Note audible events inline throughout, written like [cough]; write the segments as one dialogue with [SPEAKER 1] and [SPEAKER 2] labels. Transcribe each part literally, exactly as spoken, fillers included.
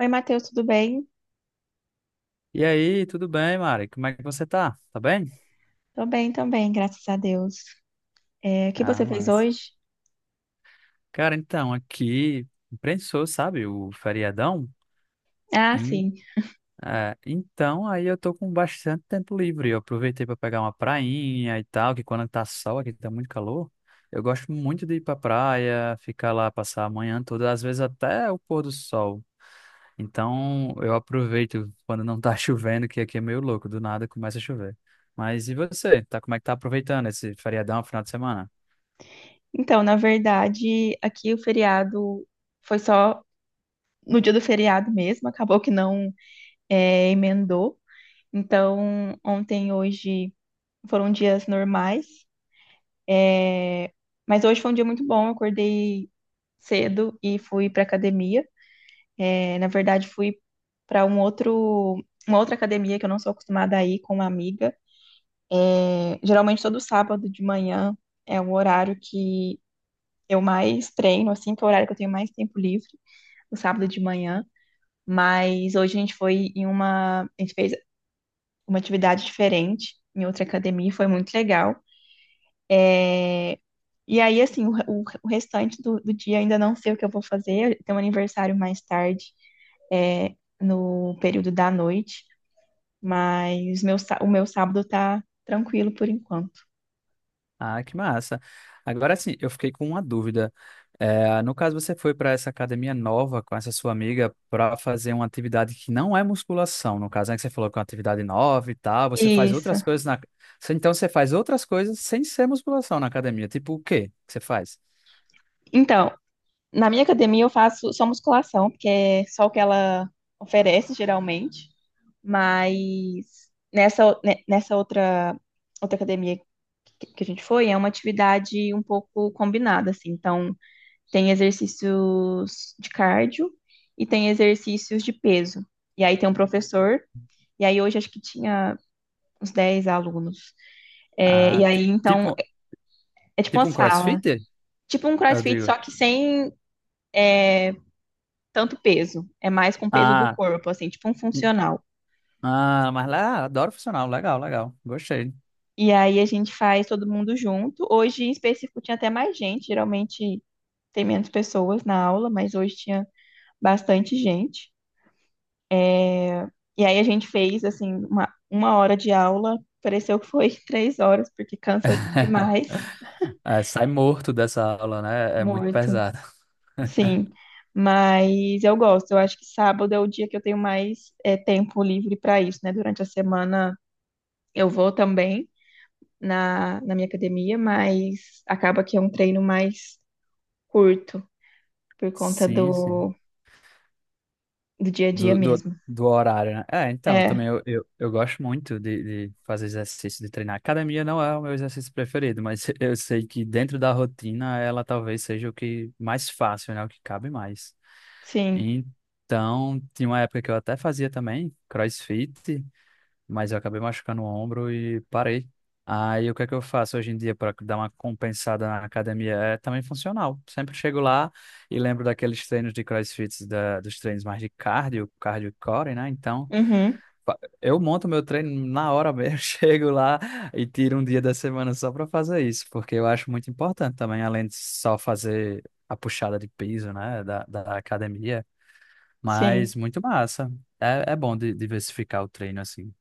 [SPEAKER 1] Oi, Matheus, tudo bem?
[SPEAKER 2] E aí, tudo bem, Mari? Como é que você tá? Tá bem?
[SPEAKER 1] Tô bem também, graças a Deus. É, o que
[SPEAKER 2] Ah,
[SPEAKER 1] você fez
[SPEAKER 2] mas.
[SPEAKER 1] hoje?
[SPEAKER 2] Cara, então, aqui prensou, sabe, o feriadão.
[SPEAKER 1] Ah,
[SPEAKER 2] Em-
[SPEAKER 1] sim.
[SPEAKER 2] é, então, Aí eu tô com bastante tempo livre. Eu aproveitei para pegar uma prainha e tal, que quando tá sol aqui tá muito calor. Eu gosto muito de ir pra praia, ficar lá, passar a manhã toda, às vezes até o pôr do sol. Então, eu aproveito quando não tá [laughs] chovendo, que aqui é meio louco, do nada começa a chover. Mas e você? Tá, como é que tá aproveitando esse feriadão, final de semana?
[SPEAKER 1] Então, na verdade, aqui o feriado foi só no dia do feriado mesmo, acabou que não é, emendou. Então, ontem e hoje foram dias normais, é, mas hoje foi um dia muito bom. Eu acordei cedo e fui pra academia. É, na verdade, fui para um outro, uma outra academia que eu não sou acostumada a ir com uma amiga. Geralmente todo sábado de manhã é o horário que eu mais treino, assim, que é o horário que eu tenho mais tempo livre, no sábado de manhã. Mas hoje a gente foi em uma, a gente fez uma atividade diferente em outra academia, foi muito legal. E aí, assim, o, o, o restante do, do dia ainda não sei o que eu vou fazer. Tem um aniversário mais tarde, é, no período da noite, mas meu, sá- o meu sábado tá tranquilo por enquanto.
[SPEAKER 2] Ah, que massa. Agora sim, eu fiquei com uma dúvida. É, no caso, você foi para essa academia nova com essa sua amiga para fazer uma atividade que não é musculação, no caso, né? Que você falou que é uma atividade nova e tal. Você faz
[SPEAKER 1] Isso.
[SPEAKER 2] outras coisas na. Você- Então, você faz outras coisas sem ser musculação na academia. Tipo o quê que você faz?
[SPEAKER 1] Então, Na minha academia eu faço só musculação, porque é só o que ela oferece geralmente. Mas nessa, o- ne- nessa outra, outra academia que que a gente foi, é uma atividade um pouco combinada, assim. Então, tem exercícios de cardio e tem exercícios de peso. E aí tem um professor, e aí hoje acho que tinha uns dez alunos. É, e
[SPEAKER 2] Ah, ti-
[SPEAKER 1] aí, então,
[SPEAKER 2] tipo,
[SPEAKER 1] é tipo uma
[SPEAKER 2] tipo um
[SPEAKER 1] sala.
[SPEAKER 2] CrossFit?
[SPEAKER 1] Tipo um
[SPEAKER 2] Eu
[SPEAKER 1] CrossFit,
[SPEAKER 2] digo.
[SPEAKER 1] só que sem tanto peso, é mais com o peso do
[SPEAKER 2] Ah,
[SPEAKER 1] corpo, assim, tipo um
[SPEAKER 2] hum,
[SPEAKER 1] funcional.
[SPEAKER 2] ah, mas lá, adoro funcional. Legal, legal. Gostei.
[SPEAKER 1] E aí a gente faz todo mundo junto. Hoje, em específico, tinha até mais gente, geralmente tem menos pessoas na aula, mas hoje tinha bastante gente. E aí a gente fez, assim, uma, uma hora de aula, pareceu que foi [laughs] três horas, porque cansa
[SPEAKER 2] [laughs]
[SPEAKER 1] demais,
[SPEAKER 2] É, sai morto dessa aula, né? É muito
[SPEAKER 1] muito,
[SPEAKER 2] pesado.
[SPEAKER 1] sim. Mas eu gosto, eu acho que sábado é o dia que eu tenho mais é, tempo livre para isso, né? Durante a semana eu vou também. na, na minha academia, mas acaba que é um treino mais curto por conta
[SPEAKER 2] Sim, sim.
[SPEAKER 1] do, do dia a dia
[SPEAKER 2] Do, do,
[SPEAKER 1] mesmo.
[SPEAKER 2] do horário, né? É, então,
[SPEAKER 1] É,
[SPEAKER 2] também eu, eu, eu gosto muito de, de fazer exercício, de treinar. Academia não é o meu exercício preferido, mas [laughs] eu sei que dentro da rotina ela talvez seja o que mais fácil, né? O que cabe mais.
[SPEAKER 1] sim.
[SPEAKER 2] Então, tinha uma época que eu até fazia também CrossFit, mas eu acabei machucando o ombro e parei. Aí o que é que eu faço hoje em dia para dar uma compensada na academia? É também funcional. Sempre chego lá e lembro daqueles treinos de CrossFit, da, dos treinos mais de cardio, cardio core, né? Então,
[SPEAKER 1] Uhum,
[SPEAKER 2] fa- eu monto meu treino na hora mesmo, [laughs] chego lá e tiro um dia da semana só para fazer isso, porque eu acho muito importante também, além de só fazer a puxada de piso, né, da, da academia,
[SPEAKER 1] sim.
[SPEAKER 2] mas muito massa. É, é bom di- diversificar o treino assim.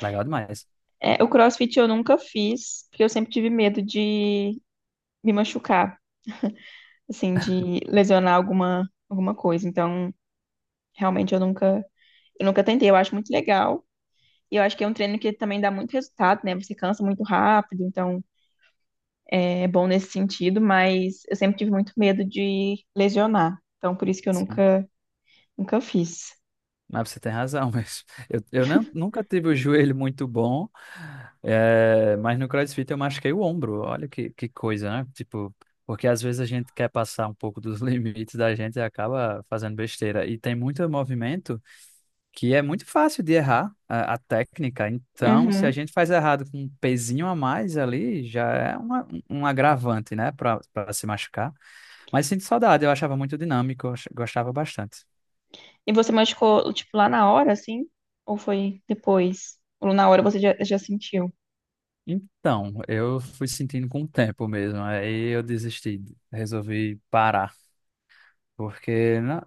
[SPEAKER 2] Legal demais.
[SPEAKER 1] É, o CrossFit eu nunca fiz, porque eu sempre tive medo de me machucar, assim, de lesionar alguma, alguma coisa. Então, realmente eu nunca, eu nunca tentei. Eu acho muito legal. E eu acho que é um treino que também dá muito resultado, né? Você cansa muito rápido, então é bom nesse sentido, mas eu sempre tive muito medo de lesionar. Então, por isso que eu
[SPEAKER 2] Sim.
[SPEAKER 1] nunca, nunca fiz.
[SPEAKER 2] Mas você tem razão, [laughs] mas eu, eu não, nunca tive o joelho muito bom, é, mas no CrossFit eu machuquei o ombro. Olha que, que coisa, né? Tipo, porque às vezes a gente quer passar um pouco dos [laughs] limites da gente e acaba fazendo besteira. E tem muito movimento que é muito fácil de errar a, a técnica. Então, se a
[SPEAKER 1] Uhum.
[SPEAKER 2] gente faz errado com um pezinho a mais ali, já é uma, um agravante, né, para para se machucar. Mas sinto saudade, eu achava muito dinâmico, eu ach- gostava bastante.
[SPEAKER 1] E você machucou, tipo, lá na hora, assim? Ou foi depois? Ou na hora você já, já sentiu?
[SPEAKER 2] Então, eu fui sentindo com o tempo mesmo, aí eu desisti, resolvi parar, porque na-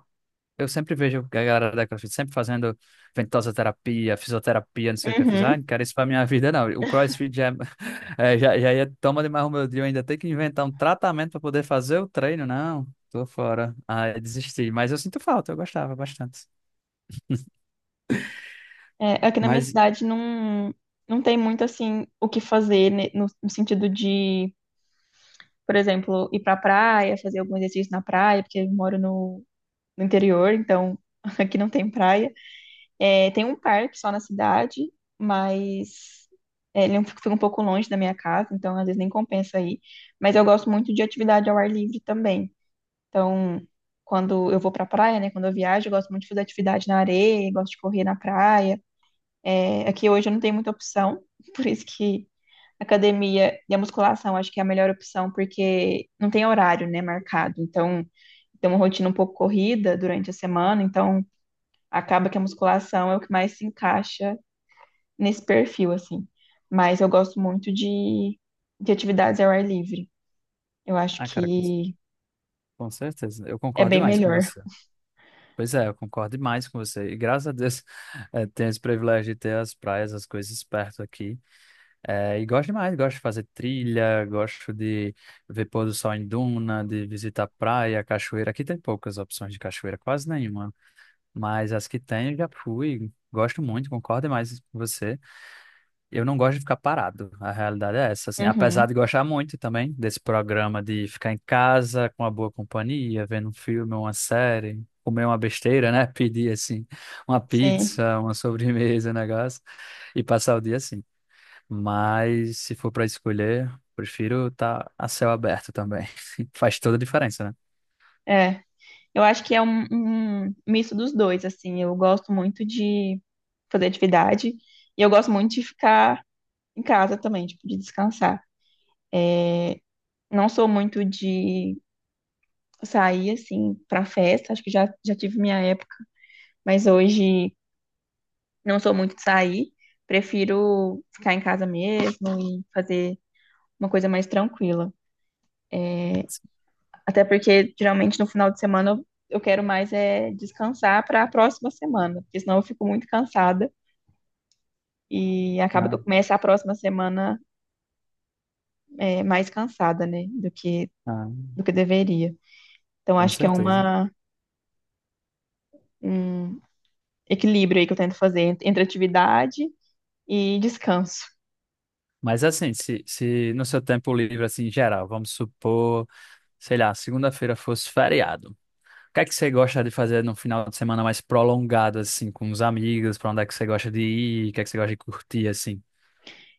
[SPEAKER 2] eu sempre vejo a galera da CrossFit sempre fazendo ventosa terapia, fisioterapia, não sei o que eu fiz, ah,
[SPEAKER 1] Uhum.
[SPEAKER 2] não quero isso pra minha vida não, o CrossFit já, [laughs] é, já, já ia toma demais o meu dia, eu ainda tenho que inventar um tratamento para poder fazer o treino, não, tô fora, aí desisti, mas eu sinto falta, eu gostava bastante,
[SPEAKER 1] É, aqui na minha
[SPEAKER 2] mas,
[SPEAKER 1] cidade não, não tem muito, assim, o que fazer, né, no, no sentido de, por exemplo, ir pra praia, fazer algum exercício na praia, porque eu moro no, no interior, então [laughs] aqui não tem praia. É, tem um parque só na cidade, mas é, ele é um, fica um pouco longe da minha casa, então às vezes nem compensa ir. Mas eu gosto muito de atividade ao ar livre também. Então, quando eu vou pra praia, né? Quando eu viajo, eu gosto muito de fazer atividade na areia, gosto de correr na praia. É, aqui hoje eu não tenho muita opção, [laughs] por isso que a academia e a musculação acho que é a melhor opção, porque não tem horário, né, marcado. Então, tem uma rotina um pouco corrida durante a semana, então acaba que a musculação é o que mais se encaixa nesse perfil, assim. Mas eu gosto muito de, de atividades ao ar livre. Eu acho
[SPEAKER 2] ah cara, com,
[SPEAKER 1] que
[SPEAKER 2] com certeza, eu
[SPEAKER 1] é
[SPEAKER 2] concordo
[SPEAKER 1] bem
[SPEAKER 2] demais com
[SPEAKER 1] melhor.
[SPEAKER 2] você. Pois é, eu concordo demais com você. E graças a Deus [laughs] eh, tenho esse privilégio de ter as praias, as coisas perto aqui. Eh, e gosto demais, gosto de fazer trilha, gosto de ver pôr do sol em duna, de visitar praia, cachoeira. Aqui tem poucas opções de cachoeira, quase nenhuma. Mas as que tem eu já fui. Gosto muito, concordo demais com você. Eu não gosto de ficar parado. A realidade é essa, assim, apesar
[SPEAKER 1] Uhum,
[SPEAKER 2] de gostar muito também desse programa de ficar em casa com uma boa companhia, vendo um filme, uma série, comer uma besteira, né? [laughs] Pedir assim uma
[SPEAKER 1] sim,
[SPEAKER 2] pizza, uma sobremesa, um negócio e passar o dia assim. Mas se for para escolher, prefiro estar a céu aberto também. [laughs] Faz toda a diferença, né?
[SPEAKER 1] é. Eu acho que é um, um misto dos dois, assim. Eu gosto muito de fazer atividade e eu gosto muito de ficar em casa também, tipo, de descansar. Não sou muito de sair, assim, pra festa. Acho que já, já tive minha época, mas hoje não sou muito de sair. Prefiro ficar em casa mesmo e fazer uma coisa mais tranquila. Até porque geralmente no final de semana eu, eu quero mais é descansar para a próxima semana, porque senão eu fico muito cansada e acaba que
[SPEAKER 2] Ah,
[SPEAKER 1] eu começo a próxima semana é, mais cansada, né, do que
[SPEAKER 2] ah,
[SPEAKER 1] do que deveria. Então
[SPEAKER 2] com
[SPEAKER 1] acho que é
[SPEAKER 2] certeza.
[SPEAKER 1] uma um equilíbrio aí que eu tento fazer entre entre atividade e descanso.
[SPEAKER 2] Mas assim, se, se no seu tempo livre, assim, em geral, vamos supor, sei lá, segunda-feira fosse feriado. O que é que você gosta de fazer no final de semana mais prolongado, assim, com os amigos? Pra onde é que você gosta de ir? O que é que você gosta de curtir, assim?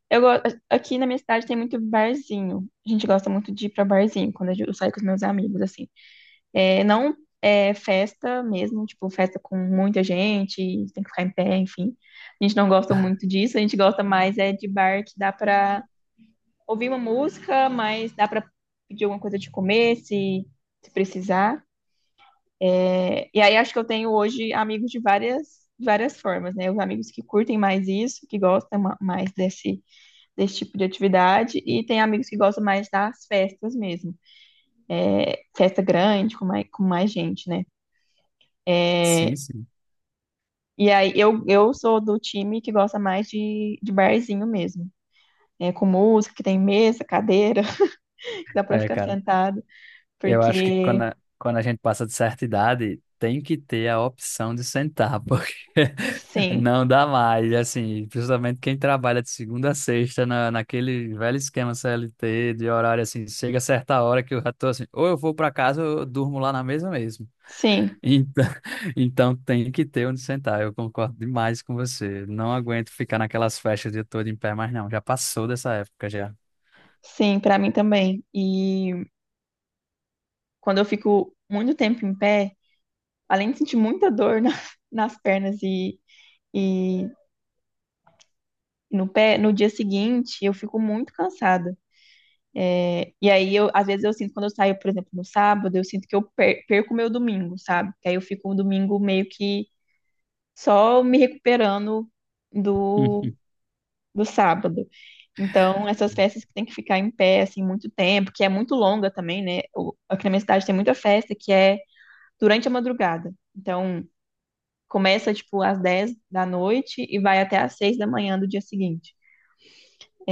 [SPEAKER 1] Eu go- aqui na minha cidade tem muito barzinho. A gente gosta muito de ir para barzinho quando eu saio com os meus amigos assim. É, não é festa mesmo, tipo, festa com muita gente, tem que ficar em pé, enfim. A gente não gosta muito disso, a gente gosta mais é de bar que dá pra ouvir uma música, mas dá pra pedir alguma coisa de comer, se, se precisar. É, e aí acho que eu tenho hoje amigos de várias, de várias formas, né? Os amigos que curtem mais isso, que gostam ma- mais desse, desse tipo de atividade, e tem amigos que gostam mais das festas mesmo. Festa grande, com mais, com mais gente, né?
[SPEAKER 2] Sim,
[SPEAKER 1] É,
[SPEAKER 2] sim.
[SPEAKER 1] E aí, eu, eu sou do time que gosta mais de, de barzinho mesmo. É, com música, que tem mesa, cadeira, [laughs] que dá pra
[SPEAKER 2] É,
[SPEAKER 1] ficar
[SPEAKER 2] cara,
[SPEAKER 1] sentado.
[SPEAKER 2] eu acho que quando
[SPEAKER 1] Porque,
[SPEAKER 2] a, quando a gente passa de certa idade, tem que ter a opção de sentar, porque [laughs]
[SPEAKER 1] sim,
[SPEAKER 2] não dá mais, assim, principalmente quem trabalha de segunda a sexta na, naquele velho esquema C L T de horário, assim, chega a certa hora que eu já tô assim, ou eu vou pra casa ou eu durmo lá na mesa mesmo.
[SPEAKER 1] sim,
[SPEAKER 2] Então, [laughs] então tem que ter onde sentar, eu concordo demais com você. Não aguento ficar naquelas festas o dia todo em pé, mas não, já passou dessa época já.
[SPEAKER 1] sim, pra mim também. E quando eu fico muito tempo em pé, além de sentir muita dor na- [laughs] nas pernas e, e no pé, no dia seguinte, eu fico muito cansada. É, E aí, eu, às vezes eu sinto, quando eu saio, por exemplo, no sábado, eu sinto que eu per- perco o meu domingo, sabe? Que aí eu fico um domingo meio que só me recuperando do,
[SPEAKER 2] [laughs]
[SPEAKER 1] do sábado. Então, essas festas que tem que ficar em pé, assim, muito tempo, que é muito longa também, né? O- Aqui na minha cidade tem muita festa que é durante a madrugada. Então, começa, tipo, às dez da noite e vai até às seis da manhã do dia seguinte.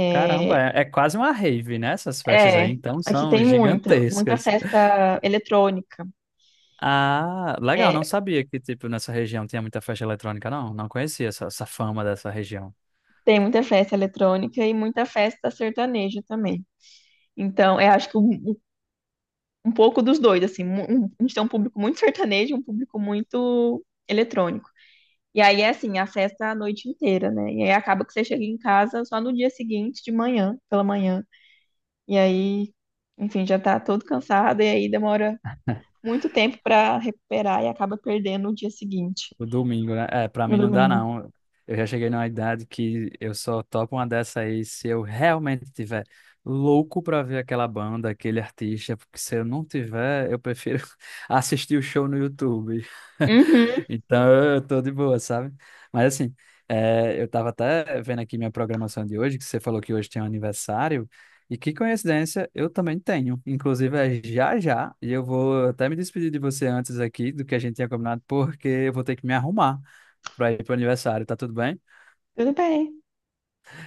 [SPEAKER 2] Caramba,
[SPEAKER 1] É,
[SPEAKER 2] é, é quase uma rave, né? Essas festas aí,
[SPEAKER 1] é,
[SPEAKER 2] então
[SPEAKER 1] aqui
[SPEAKER 2] são
[SPEAKER 1] tem muita, muita
[SPEAKER 2] gigantescas.
[SPEAKER 1] festa eletrônica.
[SPEAKER 2] Ah, legal, não
[SPEAKER 1] É,
[SPEAKER 2] sabia que, tipo, nessa região tinha muita festa eletrônica, não. Não conhecia essa, essa fama dessa região.
[SPEAKER 1] tem muita festa eletrônica e muita festa sertaneja também. Então, eu acho que o, um pouco dos dois, assim, mu- um- a gente tem um público muito sertanejo, e um público muito eletrônico. E aí é assim, a festa a noite inteira, né? E aí acaba que você chega em casa só no dia seguinte, de manhã, pela manhã. E aí, enfim, já tá todo cansado e aí demora
[SPEAKER 2] [laughs]
[SPEAKER 1] muito tempo pra recuperar e acaba perdendo o dia seguinte,
[SPEAKER 2] O domingo, né? É, pra
[SPEAKER 1] no
[SPEAKER 2] mim não dá,
[SPEAKER 1] domingo.
[SPEAKER 2] não. Eu já cheguei numa idade que eu só topo uma dessa aí se eu realmente tiver louco pra ver aquela banda, aquele artista, porque se eu não tiver, eu prefiro [laughs] assistir o show no YouTube.
[SPEAKER 1] Uhum,
[SPEAKER 2] [laughs] Então eu tô de boa, sabe? Mas assim, é, eu tava até vendo aqui minha programação de hoje, que você falou que hoje tem um aniversário. E que coincidência, eu também tenho. Inclusive, é já já, e eu vou até me despedir de você antes aqui do que a gente tinha combinado, porque eu vou ter que me arrumar para ir pro aniversário, tá tudo bem?
[SPEAKER 1] tudo bem.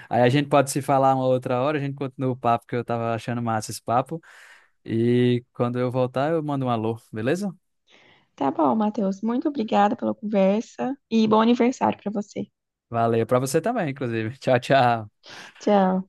[SPEAKER 2] Aí a gente pode se falar uma outra hora, a gente continua o papo, que eu tava achando massa esse papo. E quando eu voltar, eu mando um alô, beleza?
[SPEAKER 1] Tá bom, Matheus. Muito obrigada pela conversa e bom aniversário pra você.
[SPEAKER 2] Valeu para você também, inclusive. [laughs] Tchau, tchau.
[SPEAKER 1] Tchau.